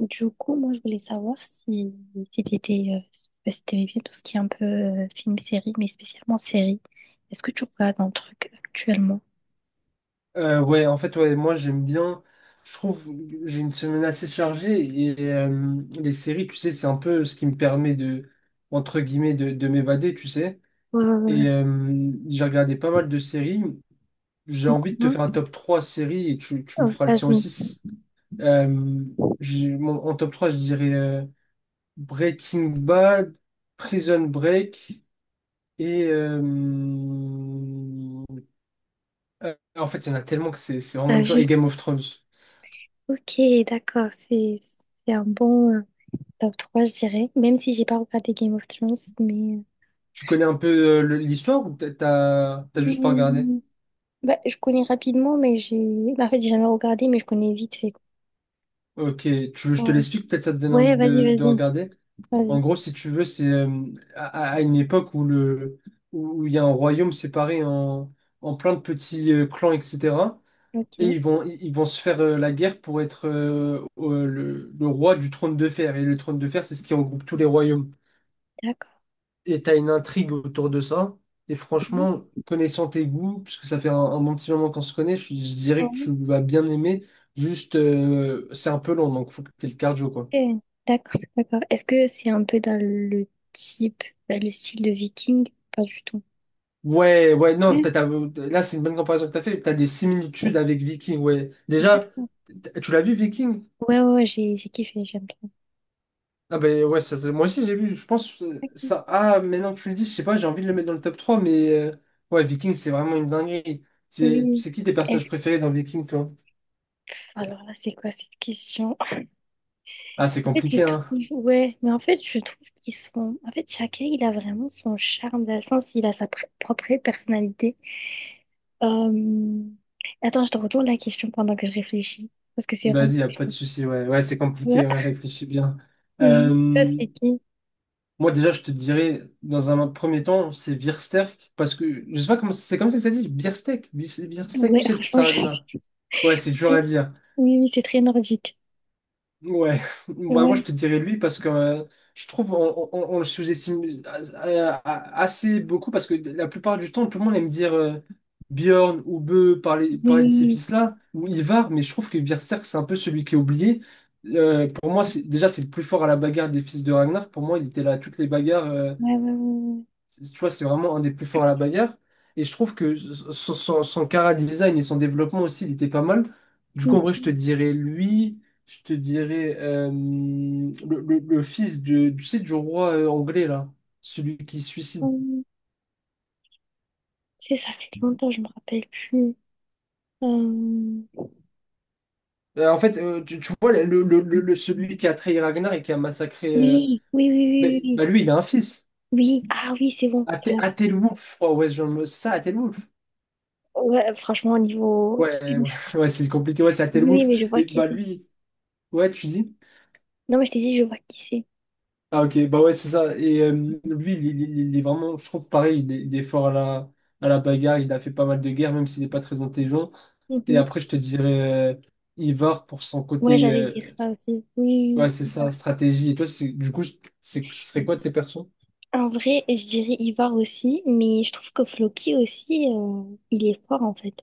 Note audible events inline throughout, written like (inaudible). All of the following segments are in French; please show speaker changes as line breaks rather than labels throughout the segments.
Du coup, moi, je voulais savoir si t'étais, si t'aimais bien tout ce qui est un peu film-série, mais spécialement série. Est-ce que tu regardes un truc actuellement?
Ouais, en fait, ouais, moi j'aime bien. Je trouve que j'ai une semaine assez chargée et les séries, tu sais, c'est un peu ce qui me permet de, entre guillemets, de m'évader, tu sais.
Ouais, ouais, ouais.
Et j'ai regardé pas mal de séries. J'ai envie de te faire
Non.
un top 3 séries et tu me
Oh,
feras le tien
vas-y,
aussi. Euh, en top 3 je dirais Breaking Bad, Prison Break et en fait, il y en a tellement que c'est vraiment
t'as
dur.
vu?
Et Game of Thrones.
Ok, d'accord, c'est un bon top 3, je dirais. Même si j'ai pas regardé Game of Thrones, mais...
Tu connais un peu l'histoire ou peut t'as juste pas regardé?
Hmm, bah, je connais rapidement, mais j'ai... Bah, en fait, j'ai jamais regardé, mais je connais vite fait, quoi.
Ok, tu veux, je te
euh,
l'explique, peut-être ça te donne envie
Ouais, vas-y,
de
vas-y,
regarder. En
vas-y.
gros, si tu veux, c'est à, une époque où le où où il y a un royaume séparé en, en plein de petits clans, etc. Et
Ok,
ils vont se faire la guerre pour être le roi du trône de fer. Et le trône de fer, c'est ce qui regroupe tous les royaumes.
d'accord.
Et t'as une intrigue autour de ça. Et franchement, connaissant tes goûts, puisque ça fait un bon petit moment qu'on se connaît, je dirais que tu vas bien aimer. Juste, c'est un peu long, donc faut que t'aies le cardio, quoi.
Ok, d'accord, d'accord. Est-ce que c'est un peu dans le type, dans le style de Viking? Pas du tout.
Ouais, ouais, non,
Ouais.
là, c'est une bonne comparaison que t'as fait. T'as des similitudes avec Viking, ouais. Déjà,
D'accord.
tu l'as vu, Viking?
Ouais, ouais, ouais, j'ai kiffé, j'aime bien.
Ah ben ouais, moi aussi j'ai vu, je pense,
Ok,
ça... Ah, maintenant que tu le dis, je sais pas, j'ai envie de le mettre dans le top 3 mais... ouais, Viking, c'est vraiment une dinguerie. C'est
oui.
c'est qui tes personnages
Est-ce...
préférés dans Viking, toi?
Alors là, c'est quoi cette question?
Ah, c'est
En fait, je
compliqué, hein.
trouve, ouais, mais en fait, je trouve qu'ils sont. En fait, chacun, il a vraiment son charme, dans le sens, il a propre personnalité. Euh, Attends, je te retourne la question pendant que je réfléchis, parce que c'est vraiment.
Vas-y, y a pas de souci. Ouais, ouais, c'est compliqué,
Toi.
ouais, réfléchis bien.
Oui, toi,
Euh,
c'est qui?
Moi, déjà, je te dirais, dans un premier temps, c'est Biersterk, parce que je sais pas comment c'est comme ça que ça dit. Biersterk, Biersterk, tu
Ouais,
sais, le fils
franchement,
à Ragnar.
je...
Ouais, c'est
(laughs)
dur à dire.
Oui, oui, c'est très nordique.
Ouais, (laughs) bah moi
Ouais.
je te dirais lui parce que je trouve on le sous-estime assez beaucoup parce que la plupart du temps tout le monde aime dire Bjorn ou Bö parler de ces
Oui.
fils-là ou Ivar mais je trouve que Berserk c'est un peu celui qui est oublié. Pour moi c'est le plus fort à la bagarre des fils de Ragnar. Pour moi il était là à toutes les bagarres,
Ouais, ouais, ouais,
tu vois, c'est vraiment un des plus forts à la bagarre. Et je trouve que son chara design et son développement aussi, il était pas mal. Du coup,
ouais.
en vrai, je te dirais lui, je te dirais le fils de, tu sais, du roi anglais, là, celui qui se suicide.
Mhm. Tu sais, ça fait longtemps, je me rappelle plus. Euh,
Tu, tu vois, celui qui a trahi Ragnar et qui a massacré.
Oui, oui, oui,
Bah,
oui, oui. Oui.
Bah, lui, il a un fils.
Oui, ah oui, c'est bon, c'est vrai.
Athelwulf, je crois, ouais, genre c'est ça, Athelwulf.
Ouais, franchement, au niveau... Oui,
Ouais, ouais, (laughs) ouais, c'est compliqué, ouais, c'est
oui,
Athelwulf.
mais je vois
Et
qui
bah
c'est.
lui, ouais, tu dis.
Non, mais je t'ai dit, je vois qui c'est.
Ah ok, bah ouais, c'est ça. Et lui, il est vraiment, je trouve pareil, il est fort à la bagarre, il a fait pas mal de guerres, même s'il n'est pas très intelligent. Et
Mhm.
après, je te dirais Ivar pour son
Ouais,
côté,
j'allais dire ça aussi. Oui,
ouais, c'est
oui.
ça, stratégie. Et toi, du coup, ce serait quoi tes persos?
En vrai, je dirais Ivar aussi, mais je trouve que Floki aussi, il est fort, en fait.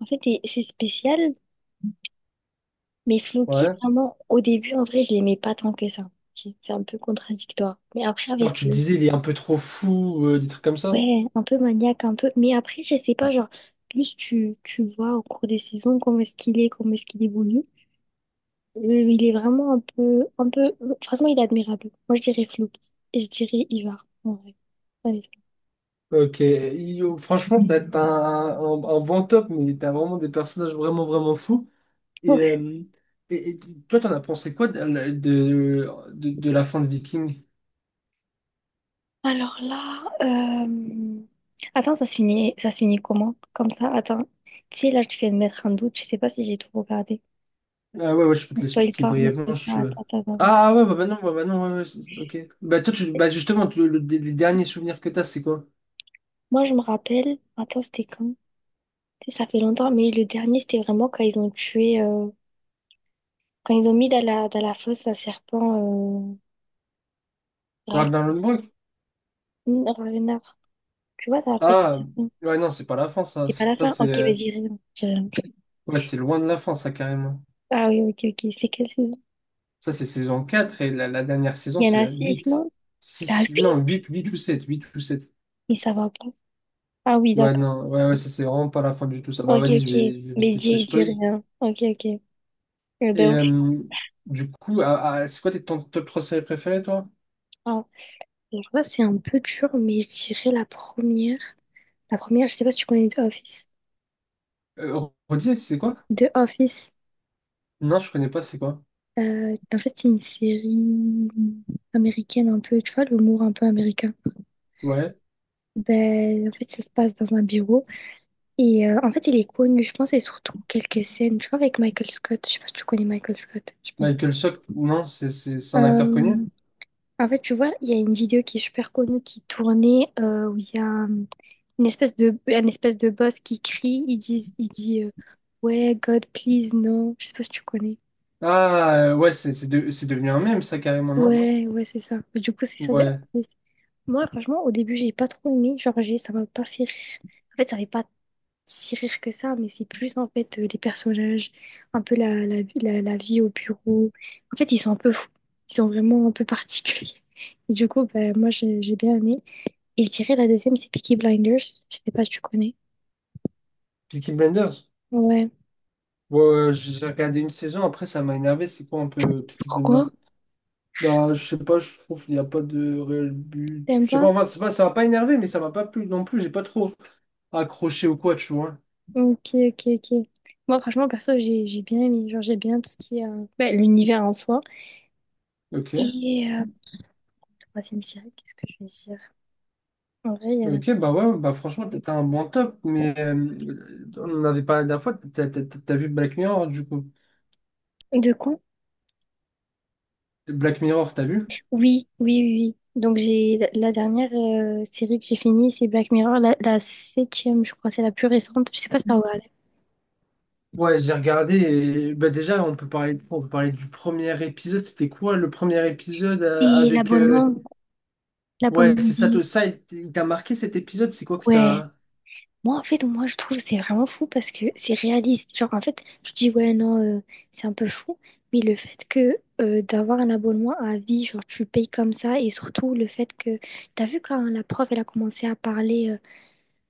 En fait, c'est spécial. Mais Floki,
Ouais.
vraiment, au début, en vrai, je l'aimais pas tant que ça. C'est un peu contradictoire. Mais après, avec
Genre, tu te
lui,
disais, il est un peu trop fou, des trucs comme ça.
ouais, un peu maniaque, un peu. Mais après, je sais pas, genre, plus tu vois au cours des saisons comment est-ce qu'il est, comment est-ce qu'il évolue. Euh, il est vraiment un peu, un peu. Franchement, il est admirable. Moi, je dirais Floki. Et je dirais Ivar, en vrai. Allez.
Ok, franchement, t'as un bon top, mais t'as vraiment des personnages vraiment, vraiment fous. Et,
Ouais.
euh, et toi, t'en as pensé quoi de la fin de Viking?
Alors là, euh, attends, ça se finit comment? Comme ça, attends. Tu sais, là, tu viens de mettre un doute. Je sais pas si j'ai tout regardé.
Ah ouais, ouais, je peux
On
te
spoil
l'expliquer
pas, on
brièvement
spoil
si
pas.
tu veux.
Attends, attends, attends.
Ah ouais, bah non, ouais, ouais, c'est- ok. Bah toi, tu,
Attends.
bah justement, les derniers souvenirs que t'as, c'est quoi?
Moi, je me rappelle, attends, c'était quand? Tu sais, ça fait longtemps, mais le dernier, c'était vraiment quand ils ont tué, quand ils ont mis dans dans la fosse un serpent, Ra-
Ragnarok?
hmm, Ragnar. Tu vois, dans la fosse un
Ah,
serpent.
ouais, non, c'est pas la fin, ça.
C'est pas la
Ça,
fin?
c'est
Ok, vas-y, dis rien, dis rien.
ouais, c'est loin de la fin, ça, carrément.
Ah oui, ok, ok. C'est quelle saison?
Ça, c'est saison 4 et la dernière saison,
Il y en
c'est
a
la
six,
8.
non? La
6 non,
huit?
huit, 8 ou sept.
Mais ça va pas. Ah oui,
Ouais,
d'accord.
non, ouais, ouais, ça, c'est vraiment pas la fin du tout, ça. Bah
Ok,
vas-y,
ok.
je vais
Mais
éviter de te
dis, dis
spoil.
rien. Ok, ok. Eh ben,
Et
on-
euh, du coup, c'est quoi ton top 3 séries préférées, toi?
ah. Alors là, c'est un peu dur, mais je dirais la première. La première, je sais pas si tu connais The Office.
Redis, c'est quoi?
The Office,
Non, je connais pas, c'est quoi?
en fait, c'est une série américaine un peu, tu vois, l'humour un peu américain.
Ouais.
Ben, en fait, ça se passe dans un bureau. Et en fait, il est connu, je pense, et surtout quelques scènes, tu vois, avec Michael Scott. Je sais pas si tu connais Michael Scott, je pense.
Michael Sock, non, c'est un acteur connu.
Euh, En fait, tu vois, il y a une vidéo qui est super connue qui tournait où il y a une espèce de, un espèce de boss qui crie, il dit ouais, God, please, non. Je sais pas si tu connais.
Ah, ouais, c'est devenu un mème, ça, carrément, non?
Ouais, ouais, c'est ça. Mais du coup, c'est ça. Des-
Ouais.
mais moi, franchement, au début, j'ai pas trop aimé. Genre, ça m'a pas fait rire. En fait, ça fait pas si rire que ça, mais c'est plus, en fait, les personnages, un peu la vie au bureau. En fait, ils sont un peu fous. Ils sont vraiment un peu particuliers. (laughs) Et du coup, bah, moi, j'ai bien aimé. Et je dirais, la deuxième, c'est Peaky Blinders. Je sais pas si tu connais.
Peaky Blinders.
Ouais.
Ouais, ouais, ouais, j'ai regardé une saison, après, ça m'a énervé. C'est quoi un peu Peaky
Pourquoi?
Blinders? Bah, je sais pas, je trouve qu'il n'y a pas de réel but.
T'aimes
Je sais pas,
pas?
enfin, c'est pas, ça m'a pas énervé, mais ça m'a pas plu non plus. J'ai pas trop accroché ou quoi, tu vois.
Ok, ok, ok. Moi, franchement, perso, j'ai bien aimé. Genre, j'ai bien tout ce qui est bah, l'univers en soi.
Ok.
Et troisième série, qu'est-ce que je vais dire? En vrai, il y en
Ok, bah ouais, bah franchement, t'as un bon top, mais on en avait parlé la dernière fois, t'as vu Black Mirror, du coup.
de quoi?
Black Mirror, t'as vu?
Oui, oui, oui, oui. Donc, j'ai la dernière série que j'ai finie, c'est Black Mirror, la septième, je crois, c'est la plus récente. Je sais pas si t'as regardé.
Ouais, j'ai regardé et bah déjà on peut parler du premier épisode, c'était quoi le premier épisode
Et
avec
l'abonnement,
ouais,
l'abonnement.
c'est ça
Des-
il t'a marqué cet épisode, c'est quoi que
Ouais.
t'as.
Moi, en fait, moi, je trouve que c'est vraiment fou parce que c'est réaliste. Genre, en fait, je dis, ouais, non, c'est un peu fou. Mais le fait que d'avoir un abonnement à vie, genre, tu payes comme ça, et surtout le fait que. T'as vu quand la prof, elle a commencé à parler.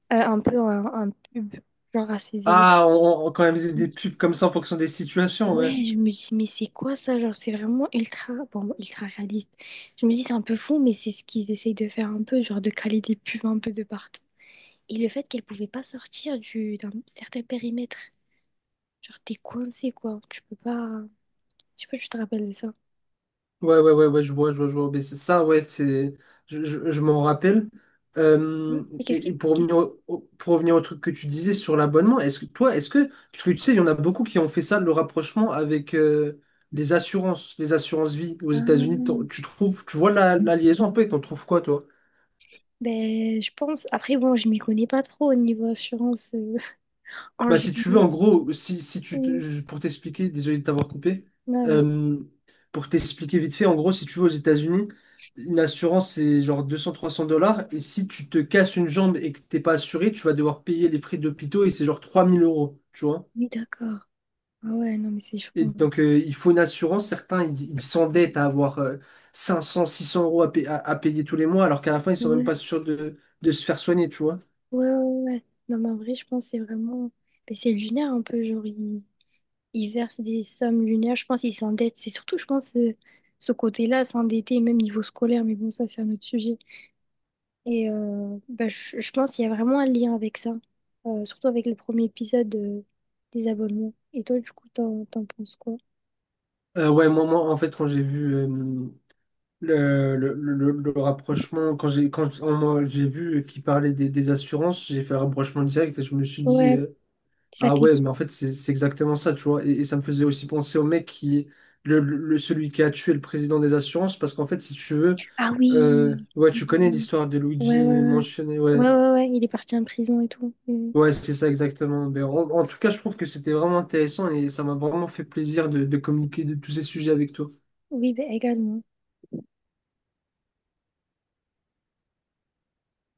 Un peu un pub, genre à ses élèves.
Ah, on quand même faisait des pubs comme ça en fonction des situations, ouais.
Ouais, je me dis, mais c'est quoi ça? Genre, c'est vraiment ultra, bon, ultra réaliste. Je me dis, c'est un peu fou, mais c'est ce qu'ils essayent de faire un peu, genre de caler des pubs un peu de partout. Et le fait qu'elle pouvait pas sortir d'un certain périmètre. Genre, t'es coincé, quoi. Tu peux pas. Je sais pas, si tu te rappelles de ça.
Ouais, ouais, ouais, ouais, je vois, je vois, je vois. Mais c'est ça, ouais, c'est, je m'en rappelle. Euh,
Mais qu'est-ce
et,
qui.
et pour
Qu'est-
revenir pour revenir au truc que tu disais sur l'abonnement, est-ce que toi, est-ce que, parce que tu sais, il y en a beaucoup qui ont fait ça, le rapprochement avec les assurances vie aux États-Unis.
ah,
Tu trouves, tu vois la liaison un peu et t'en trouves quoi, toi?
ben, je pense. Après, bon, je m'y connais pas trop au niveau assurance (laughs) en
Bah, si tu veux,
général.
en gros, si, si tu, te- pour t'expliquer, désolé de t'avoir coupé,
Non.
euh, pour t'expliquer vite fait, en gros, si tu vas aux États-Unis, une assurance, c'est genre deux trois cents dollars. Et si tu te casses une jambe et que t'es pas assuré, tu vas devoir payer les frais d'hôpitaux et c'est genre 3000 euros, tu vois.
Oui, d'accord. Ah ouais, non, mais c'est
Et
choquant.
donc, il faut une assurance. Certains, ils s'endettent à avoir 500, 600 € à, à payer tous les mois, alors qu'à la fin, ils sont même
Ouais,
pas sûrs de se faire soigner, tu vois.
ouais, ouais, ouais. Non, mais en vrai, je pense que c'est vraiment. Ben, c'est lunaire un peu, genre, ils il versent des sommes lunaires. Je pense qu'ils s'endettent. C'est surtout, je pense, ce côté-là, s'endetter, même niveau scolaire. Mais bon, ça, c'est un autre sujet. Et ben, je pense qu'il y a vraiment un lien avec ça. Surtout avec le premier épisode des abonnements. Et toi, du coup, t'en penses quoi?
Moi, en fait, quand j'ai vu. Le rapprochement, quand on j'ai vu qu'il parlait des assurances, j'ai fait un rapprochement direct et je me suis dit,
Ouais, ça
ah ouais,
clique.
mais en fait, c'est exactement ça, tu vois. Et ça me faisait aussi penser au mec qui, celui qui a tué le président des assurances, parce qu'en fait, si tu veux,
Ah oui!
ouais,
Oui,
tu connais
oui,
l'histoire de
oui. Ouais, ouais,
Luigi
ouais.
mentionné,
Ouais,
ouais,
ouais, ouais, il est parti en prison et tout. Mm.
ouais, c'est ça exactement. Ben en, en tout cas, je trouve que c'était vraiment intéressant et ça m'a vraiment fait plaisir de communiquer de tous ces sujets avec toi.
Oui, bah également.